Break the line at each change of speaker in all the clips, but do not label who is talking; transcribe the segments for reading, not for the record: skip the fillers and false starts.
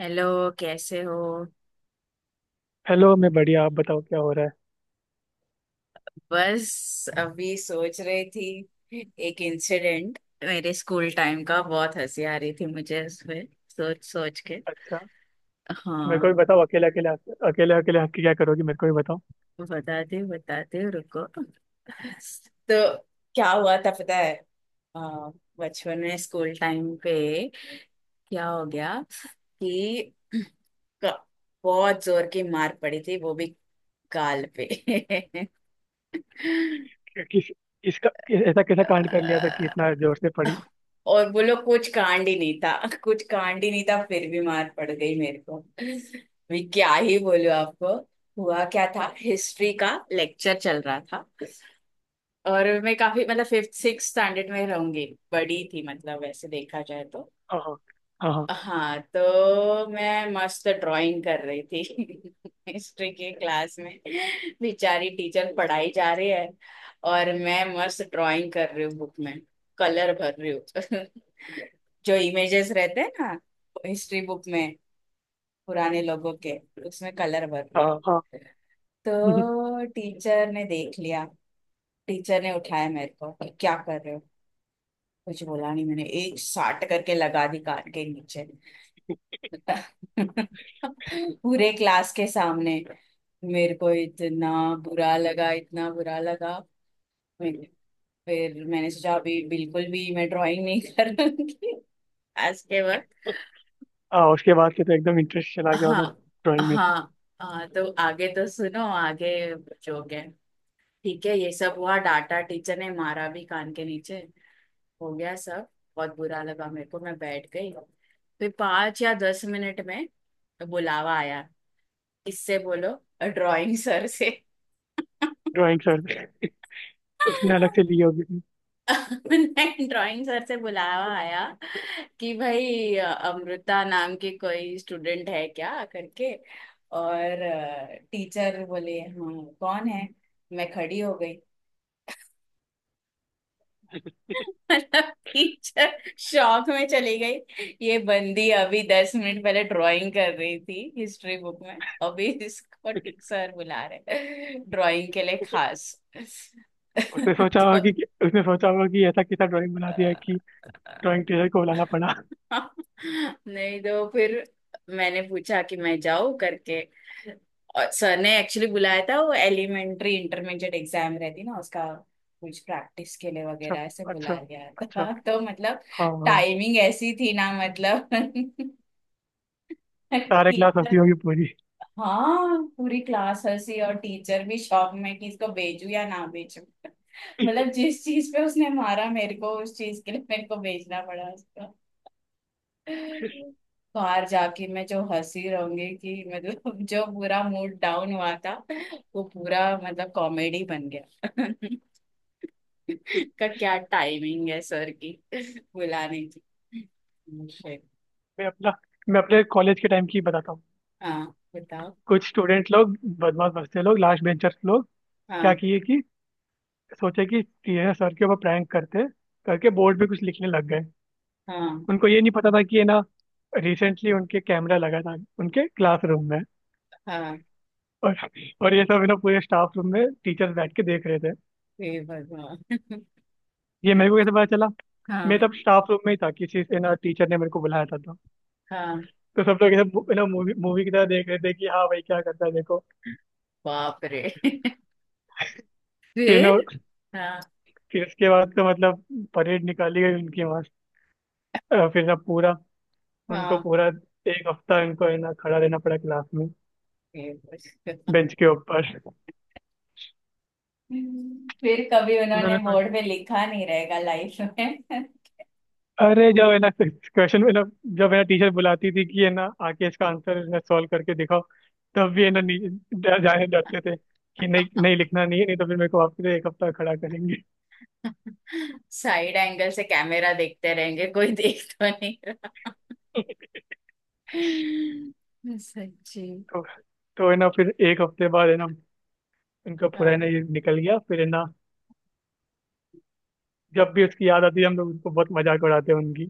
Hello. कैसे हो?
Hello. मैं बढ़िया। आप बताओ क्या हो रहा है।
बस अभी सोच रही थी एक इंसिडेंट मेरे स्कूल टाइम का, बहुत हंसी आ रही थी मुझे उसमें सोच सोच के।
अच्छा। मेरे को भी
हाँ,
बताओ अकेले अकेले। अकेले अकेले हंस के क्या करोगी? मेरे को भी बताओ।
बता दे रुको। तो क्या हुआ था पता है? अ, बचपन में स्कूल टाइम पे क्या हो गया कि क- बहुत जोर की मार पड़ी थी, वो भी गाल पे।
कि, किस इसका ऐसा कैसा कांड कर लिया था कि इतना जोर से पड़ी।
और बोलो, कुछ कांड ही नहीं था, कुछ कांड ही नहीं था, फिर भी मार पड़ गई मेरे को। मैं क्या ही बोलूं आपको। हुआ क्या था, हिस्ट्री का लेक्चर चल रहा था और मैं काफी, मतलब फिफ्थ सिक्स स्टैंडर्ड में रहूंगी, बड़ी थी मतलब, वैसे देखा जाए तो।
हाँ, हाँ, हाँ,
हाँ तो मैं मस्त ड्राइंग कर रही थी हिस्ट्री की क्लास में। बेचारी टीचर पढ़ाई जा रही है और मैं मस्त ड्राइंग कर रही हूँ बुक में, कलर भर रही हूँ। जो इमेजेस रहते हैं ना हिस्ट्री बुक में, पुराने लोगों के, उसमें कलर भर रही
हाँ,
हूँ।
हाँ, हाँ।
तो टीचर ने देख लिया। टीचर ने उठाया मेरे को, क्या कर रहे हो? कुछ बोला नहीं मैंने, एक साट करके लगा दी कान के नीचे, पूरे क्लास के सामने। मेरे को इतना बुरा लगा, इतना बुरा लगा। मेरे- फिर मैंने सोचा अभी बिल्कुल भी मैं ड्राइंग नहीं करूंगी आज के वक्त।
हाँ, उसके बाद से तो एकदम इंटरेस्ट चला गया
हाँ,
होगा ड्राइंग में से।
हाँ, हाँ तो आगे तो सुनो आगे। जो गए, ठीक है, ये सब हुआ, डांटा टीचर ने, मारा भी कान के नीचे, हो गया सब। बहुत बुरा लगा मेरे को, मैं बैठ गई। फिर 5 या 10 मिनट में बुलावा आया, इससे बोलो, ड्राइंग सर से।
ड्राइंग सर से। उसने अलग से ली होगी
मैंने ड्राइंग सर से बुलावा आया कि भाई अमृता नाम की कोई स्टूडेंट है क्या करके। और टीचर बोले हाँ कौन है, मैं खड़ी हो गई। मतलब टीचर शौक में चली गई, ये बंदी अभी 10 मिनट पहले ड्राइंग कर रही थी हिस्ट्री बुक में, अभी इसको
अपनी।
टीचर बुला रहे ड्राइंग के लिए खास।
उसने सोचा होगा
तो
कि उसने सोचा होगा कि ऐसा कैसा ड्राइंग बना दिया कि ड्राइंग टीचर को बुलाना पड़ा।
नहीं, तो फिर मैंने पूछा कि मैं जाऊँ करके। और सर ने एक्चुअली बुलाया था, वो एलिमेंट्री इंटरमीडिएट एग्जाम रहती ना उसका, कुछ प्रैक्टिस के लिए
अच्छा,
वगैरह ऐसे
अच्छा,
बुला गया
अच्छा।
था। तो मतलब
हाँ, हाँ।
टाइमिंग ऐसी थी ना मतलब।
सारे क्लास
टीचर,
हंसी होगी पूरी।
हाँ, पूरी क्लास हंसी और टीचर भी शॉक में कि इसको भेजू या ना भेजू। मतलब जिस चीज पे उसने मारा मेरे को, उस चीज के लिए मेरे को भेजना पड़ा उसको। बाहर जाके मैं जो हंसी रहूंगी, कि मतलब जो पूरा मूड डाउन हुआ था वो पूरा मतलब कॉमेडी बन गया। का क्या टाइमिंग है सर की बुलाने की। Shit.
मैं अपना मैं अपने कॉलेज के टाइम की बताता हूँ।
हाँ बताओ।
कुछ स्टूडेंट लोग, बदमाश बच्चे लोग, लास्ट बेंचर्स लोग, क्या
हाँ,
किए कि सोचे कि टीचर सर के ऊपर प्रैंक करते करके बोर्ड पे कुछ लिखने लग गए।
हाँ,
उनको ये नहीं पता था कि ये ना, रिसेंटली उनके कैमरा लगा था उनके क्लासरूम में।
हाँ।
और ये सब है ना, पूरे स्टाफ रूम में टीचर्स बैठ के देख रहे थे।
हे भगवान।
ये मेरे को कैसे पता चला? मैं
हाँ,
तब स्टाफ रूम में ही था, किसी से ना टीचर ने मेरे को बुलाया था तो।
हाँ।
तो सब लोग ऐसे है ना मूवी मूवी की तरह देख रहे थे कि हाँ भाई क्या करता है देखो।
बाप रे।
फिर ना
फिर। हाँ,
फिर उसके बाद तो मतलब परेड निकाली गई उनकी मस्त। फिर ना पूरा उनको
हाँ।
पूरा एक हफ्ता इनको है ना खड़ा रहना पड़ा क्लास में,
हे भगवान।
बेंच के ऊपर।
फिर कभी उन्होंने
उन्होंने सोच
बोर्ड पे लिखा नहीं रहेगा लाइफ में।
अरे, जब है ना क्वेश्चन में ना, जब है ना टीचर बुलाती थी कि है ना आके इसका आंसर है ना सॉल्व करके दिखाओ, तब भी है ना जाने डरते थे कि नहीं
हाँ,
नहीं लिखना नहीं है, नहीं तो फिर मेरे को वापस से एक हफ्ता खड़ा करेंगे।
साइड एंगल से कैमरा देखते रहेंगे, कोई देख तो नहीं रहा। सच्ची।
तो तो है ना फिर एक हफ्ते बाद है ना उनका पूरा है
हाँ,
ना ये निकल गया फिर है ना। जब भी उसकी याद आती है हम लोग उसको बहुत मजाक उड़ाते हैं उनकी,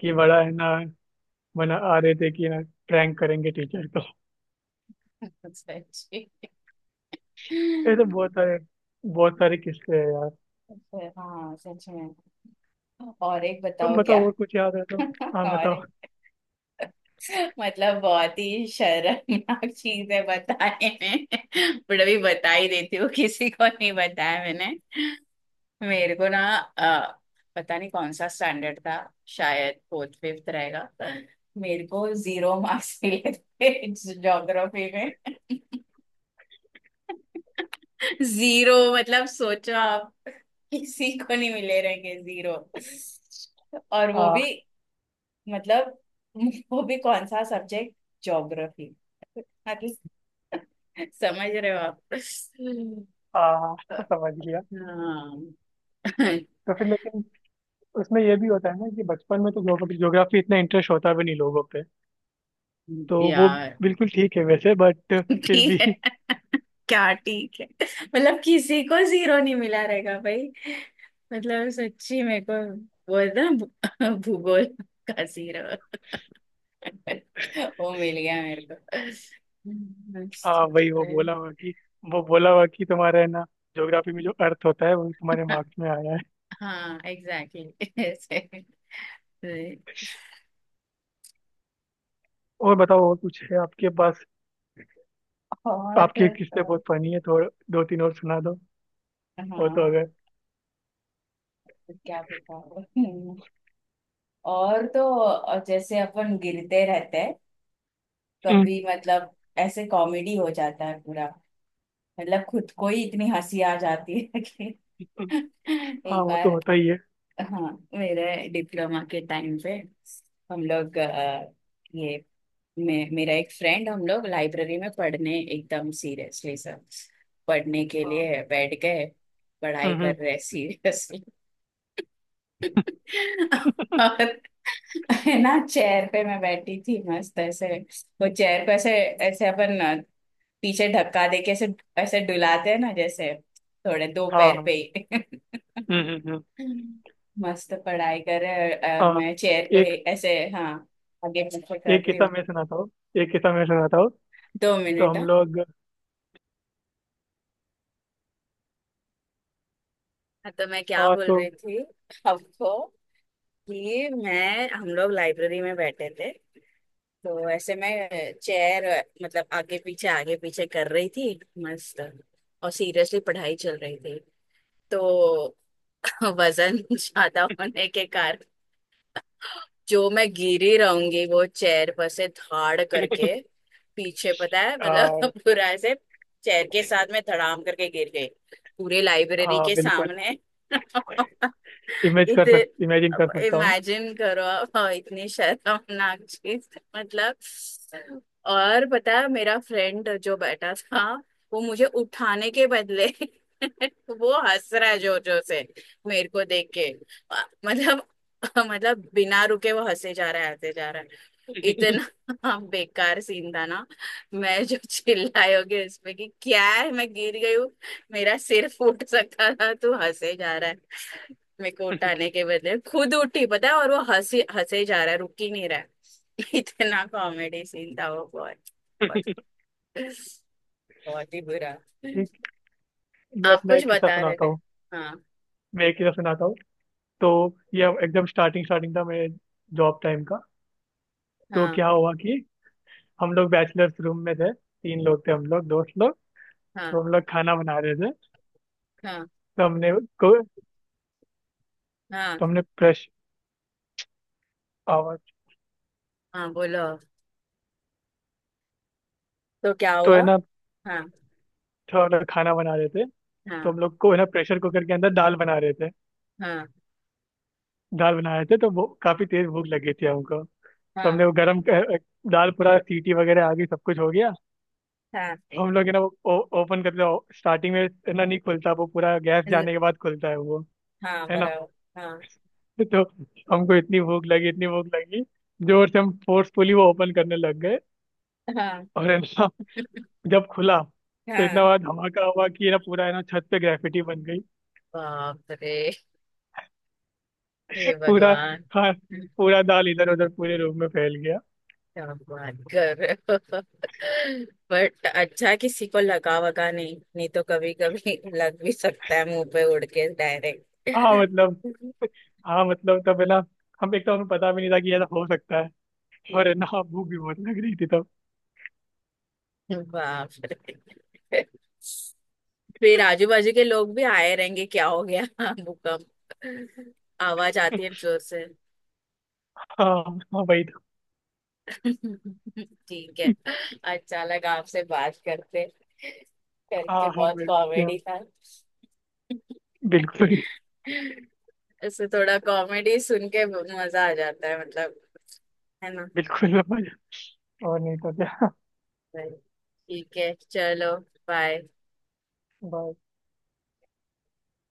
कि बड़ा है ना मना आ रहे थे कि ना प्रैंक करेंगे टीचर को।
सच्ची।
ऐसे बहुत सारे, बहुत सारे किस्से हैं यार।
अच्छा, हाँ सच में। और एक
तुम
बताओ क्या।
बताओ और कुछ याद है तो। हाँ,
और
बताओ।
एक, मतलब बहुत ही शर्मनाक चीज है बताने में, बट अभी बता ही देती हूँ, किसी को नहीं बताया मैंने। मेरे को ना, पता नहीं कौन सा स्टैंडर्ड था, शायद फोर्थ फिफ्थ रहेगा, मेरे को जीरो मार्क्स मिले थे ज्योग्राफी में। जीरो, मतलब सोचो आप, किसी को नहीं मिले रहेंगे जीरो। और वो
आ,
भी, मतलब वो भी कौन सा सब्जेक्ट, ज्योग्राफी। मतलब समझ रहे हो आप।
आ, समझ गया।
हाँ।
तो फिर लेकिन उसमें ये भी होता है ना कि बचपन में तो ज्योग्राफी इतना इंटरेस्ट होता भी नहीं लोगों पे, तो वो
यार।
बिल्कुल ठीक है वैसे, बट फिर भी।
ठीक है। क्या ठीक है, मतलब किसी को जीरो नहीं मिला रहेगा भाई। मतलब सच्ची, मेरे को बोल ना भूगोल का जीरो। वो मिल गया मेरे को।
हाँ वही, वो बोला हुआ कि तुम्हारे ना ज्योग्राफी में जो अर्थ होता है वो तुम्हारे मार्क्स में आया है।
हाँ, एग्जैक्टली ऐसे।
और बताओ, और कुछ है आपके पास?
और
आपके किस्से बहुत फनी है तो दो तीन और सुना दो। और तो
हाँ,
अगर।
क्या बताओ। और तो जैसे अपन गिरते रहते हैं,
हम्म।
कभी मतलब, ऐसे कॉमेडी हो जाता है पूरा, मतलब खुद को ही इतनी हंसी आ जाती है कि
हम्म। हाँ
एक
वो तो
बार।
होता ही है।
हाँ, मेरे डिप्लोमा के टाइम पे, हम लोग ये मेरा एक फ्रेंड, हम लोग लाइब्रेरी में पढ़ने एकदम सीरियसली, सब पढ़ने के
हाँ।
लिए बैठ गए, पढ़ाई
हम्म,
कर
हम्म।
रहे सीरियसली। और है ना, चेयर पे मैं बैठी थी मस्त ऐसे, वो चेयर पे ऐसे, ऐसे अपन पीछे धक्का दे के, ऐसे ऐसे डुलाते हैं ना जैसे, थोड़े दो
हाँ,
पैर पे
हाँ।
ही।
हम्म, हम्म, हम्म।
मस्त पढ़ाई कर रहे हैं और
हाँ।
मैं चेयर को ही
एक
ऐसे, हाँ, आगे पीछे कर
एक
रही
किस्सा
हूँ।
मैं सुनाता हूँ। एक किस्सा मैं सुनाता हूँ।
दो
तो
मिनट
हम
हाँ।
लोग।
हाँ, तो मैं क्या
हाँ
बोल
तो।
रही थी आपको, कि मैं हम लोग लाइब्रेरी में बैठे थे, तो ऐसे मैं चेयर, मतलब आगे पीछे कर रही थी मस्त, और सीरियसली पढ़ाई चल रही थी, तो वजन ज्यादा होने के, जो मैं गिरी रहूंगी वो चेयर पर से धाड़ करके पीछे पता है,
आ,
मतलब पूरा ऐसे चेयर के साथ में धड़ाम करके गिर गई, पूरे लाइब्रेरी
आ,
के
बिल्कुल।
सामने। इतने,
इमेजिन कर सकता हूँ।
इमेजिन करो आप, और इतनी शर्मनाक चीज, मतलब। और पता है मेरा फ्रेंड जो बैठा था, वो मुझे उठाने के बदले वो हंस रहा है जोर जोर से मेरे को देख के, मतलब। मतलब बिना रुके वो हंसे जा रहा है, हंसे जा रहा है, इतना। बेकार सीन था ना। मैं जो चिल्लाई होगी उसमें कि क्या है, मैं गिर गई हूँ, मेरा सिर फूट सकता था, तू हंसे जा रहा है, मेरे को उठाने के बदले खुद उठी पता है, और वो हंसी हंसे जा रहा है, रुक ही नहीं रहा है। इतना कॉमेडी सीन था वो, बहुत, बहुत, बहुत ही बुरा।
ठीक। मैं
आप
अपना
कुछ
एक किस्सा
बता रहे
सुनाता
थे।
हूँ
हाँ,
मैं एक किस्सा सुनाता हूँ। तो ये एकदम स्टार्टिंग स्टार्टिंग था मेरे जॉब टाइम का। तो
हाँ,
क्या हुआ कि हम लोग बैचलर्स रूम में थे, तीन लोग थे हम लोग, दोस्त लोग।
हाँ,
तो हम लोग खाना बना रहे थे।
हाँ,
तो हमने
हाँ,
तो हमने प्रेश आवाज।
हाँ, बोलो, तो क्या
तो
हुआ।
है ना
हाँ,
थोड़ा खाना बना रहे थे। तो
हाँ,
हम लोग को है ना प्रेशर कुकर के अंदर दाल बना रहे थे।
हाँ,
दाल बना रहे थे तो वो काफी तेज भूख लगी थी हमको। तो
हाँ,
हमने वो गरम दाल, पूरा सीटी वगैरह आ गई, सब कुछ हो गया।
हाँ।
तो हम लोग है ना वो ओपन करते हो, स्टार्टिंग में है ना नहीं खुलता, वो पूरा गैस
ल-
जाने के बाद खुलता है वो।
हाँ,
है ना।
बनाओ। हाँ,
तो हमको इतनी भूख लगी, इतनी भूख लगी, जोर से हम फोर्सफुली वो ओपन करने लग गए।
हाँ,
और है ना जब खुला तो इतना
हाँ।
बड़ा धमाका हुआ कि है ना पूरा है ना छत पे ग्रेफिटी बन गई।
बाप रे। हे
पूरा।
भगवान।
खा पूरा दाल इधर उधर पूरे रूम में फैल गया।
क्या बात कर रहे हो। बट अच्छा, किसी को लगा वगा नहीं? नहीं तो कभी कभी लग भी सकता है, मुंह पे उड़ के डायरेक्ट।
हाँ मतलब। तब है ना हम एक तो हमें पता भी नहीं था कि ऐसा हो सकता है, और है ना भूख भी बहुत लग रही थी तब।
बाप रे। फिर आजू बाजू के लोग भी आए रहेंगे, क्या हो गया भूकंप, आवाज आती है जोर से।
हाँ हाँ, वही तो।
ठीक है, अच्छा लगा आपसे बात करते करके,
हाँ हाँ,
बहुत
बिल्कुल,
कॉमेडी था।
बिल्कुल,
इससे थोड़ा कॉमेडी सुन के मजा आ जाता है मतलब, है ना?
बिल्कुल। और नहीं तो
ठीक है चलो, बाय।
क्या।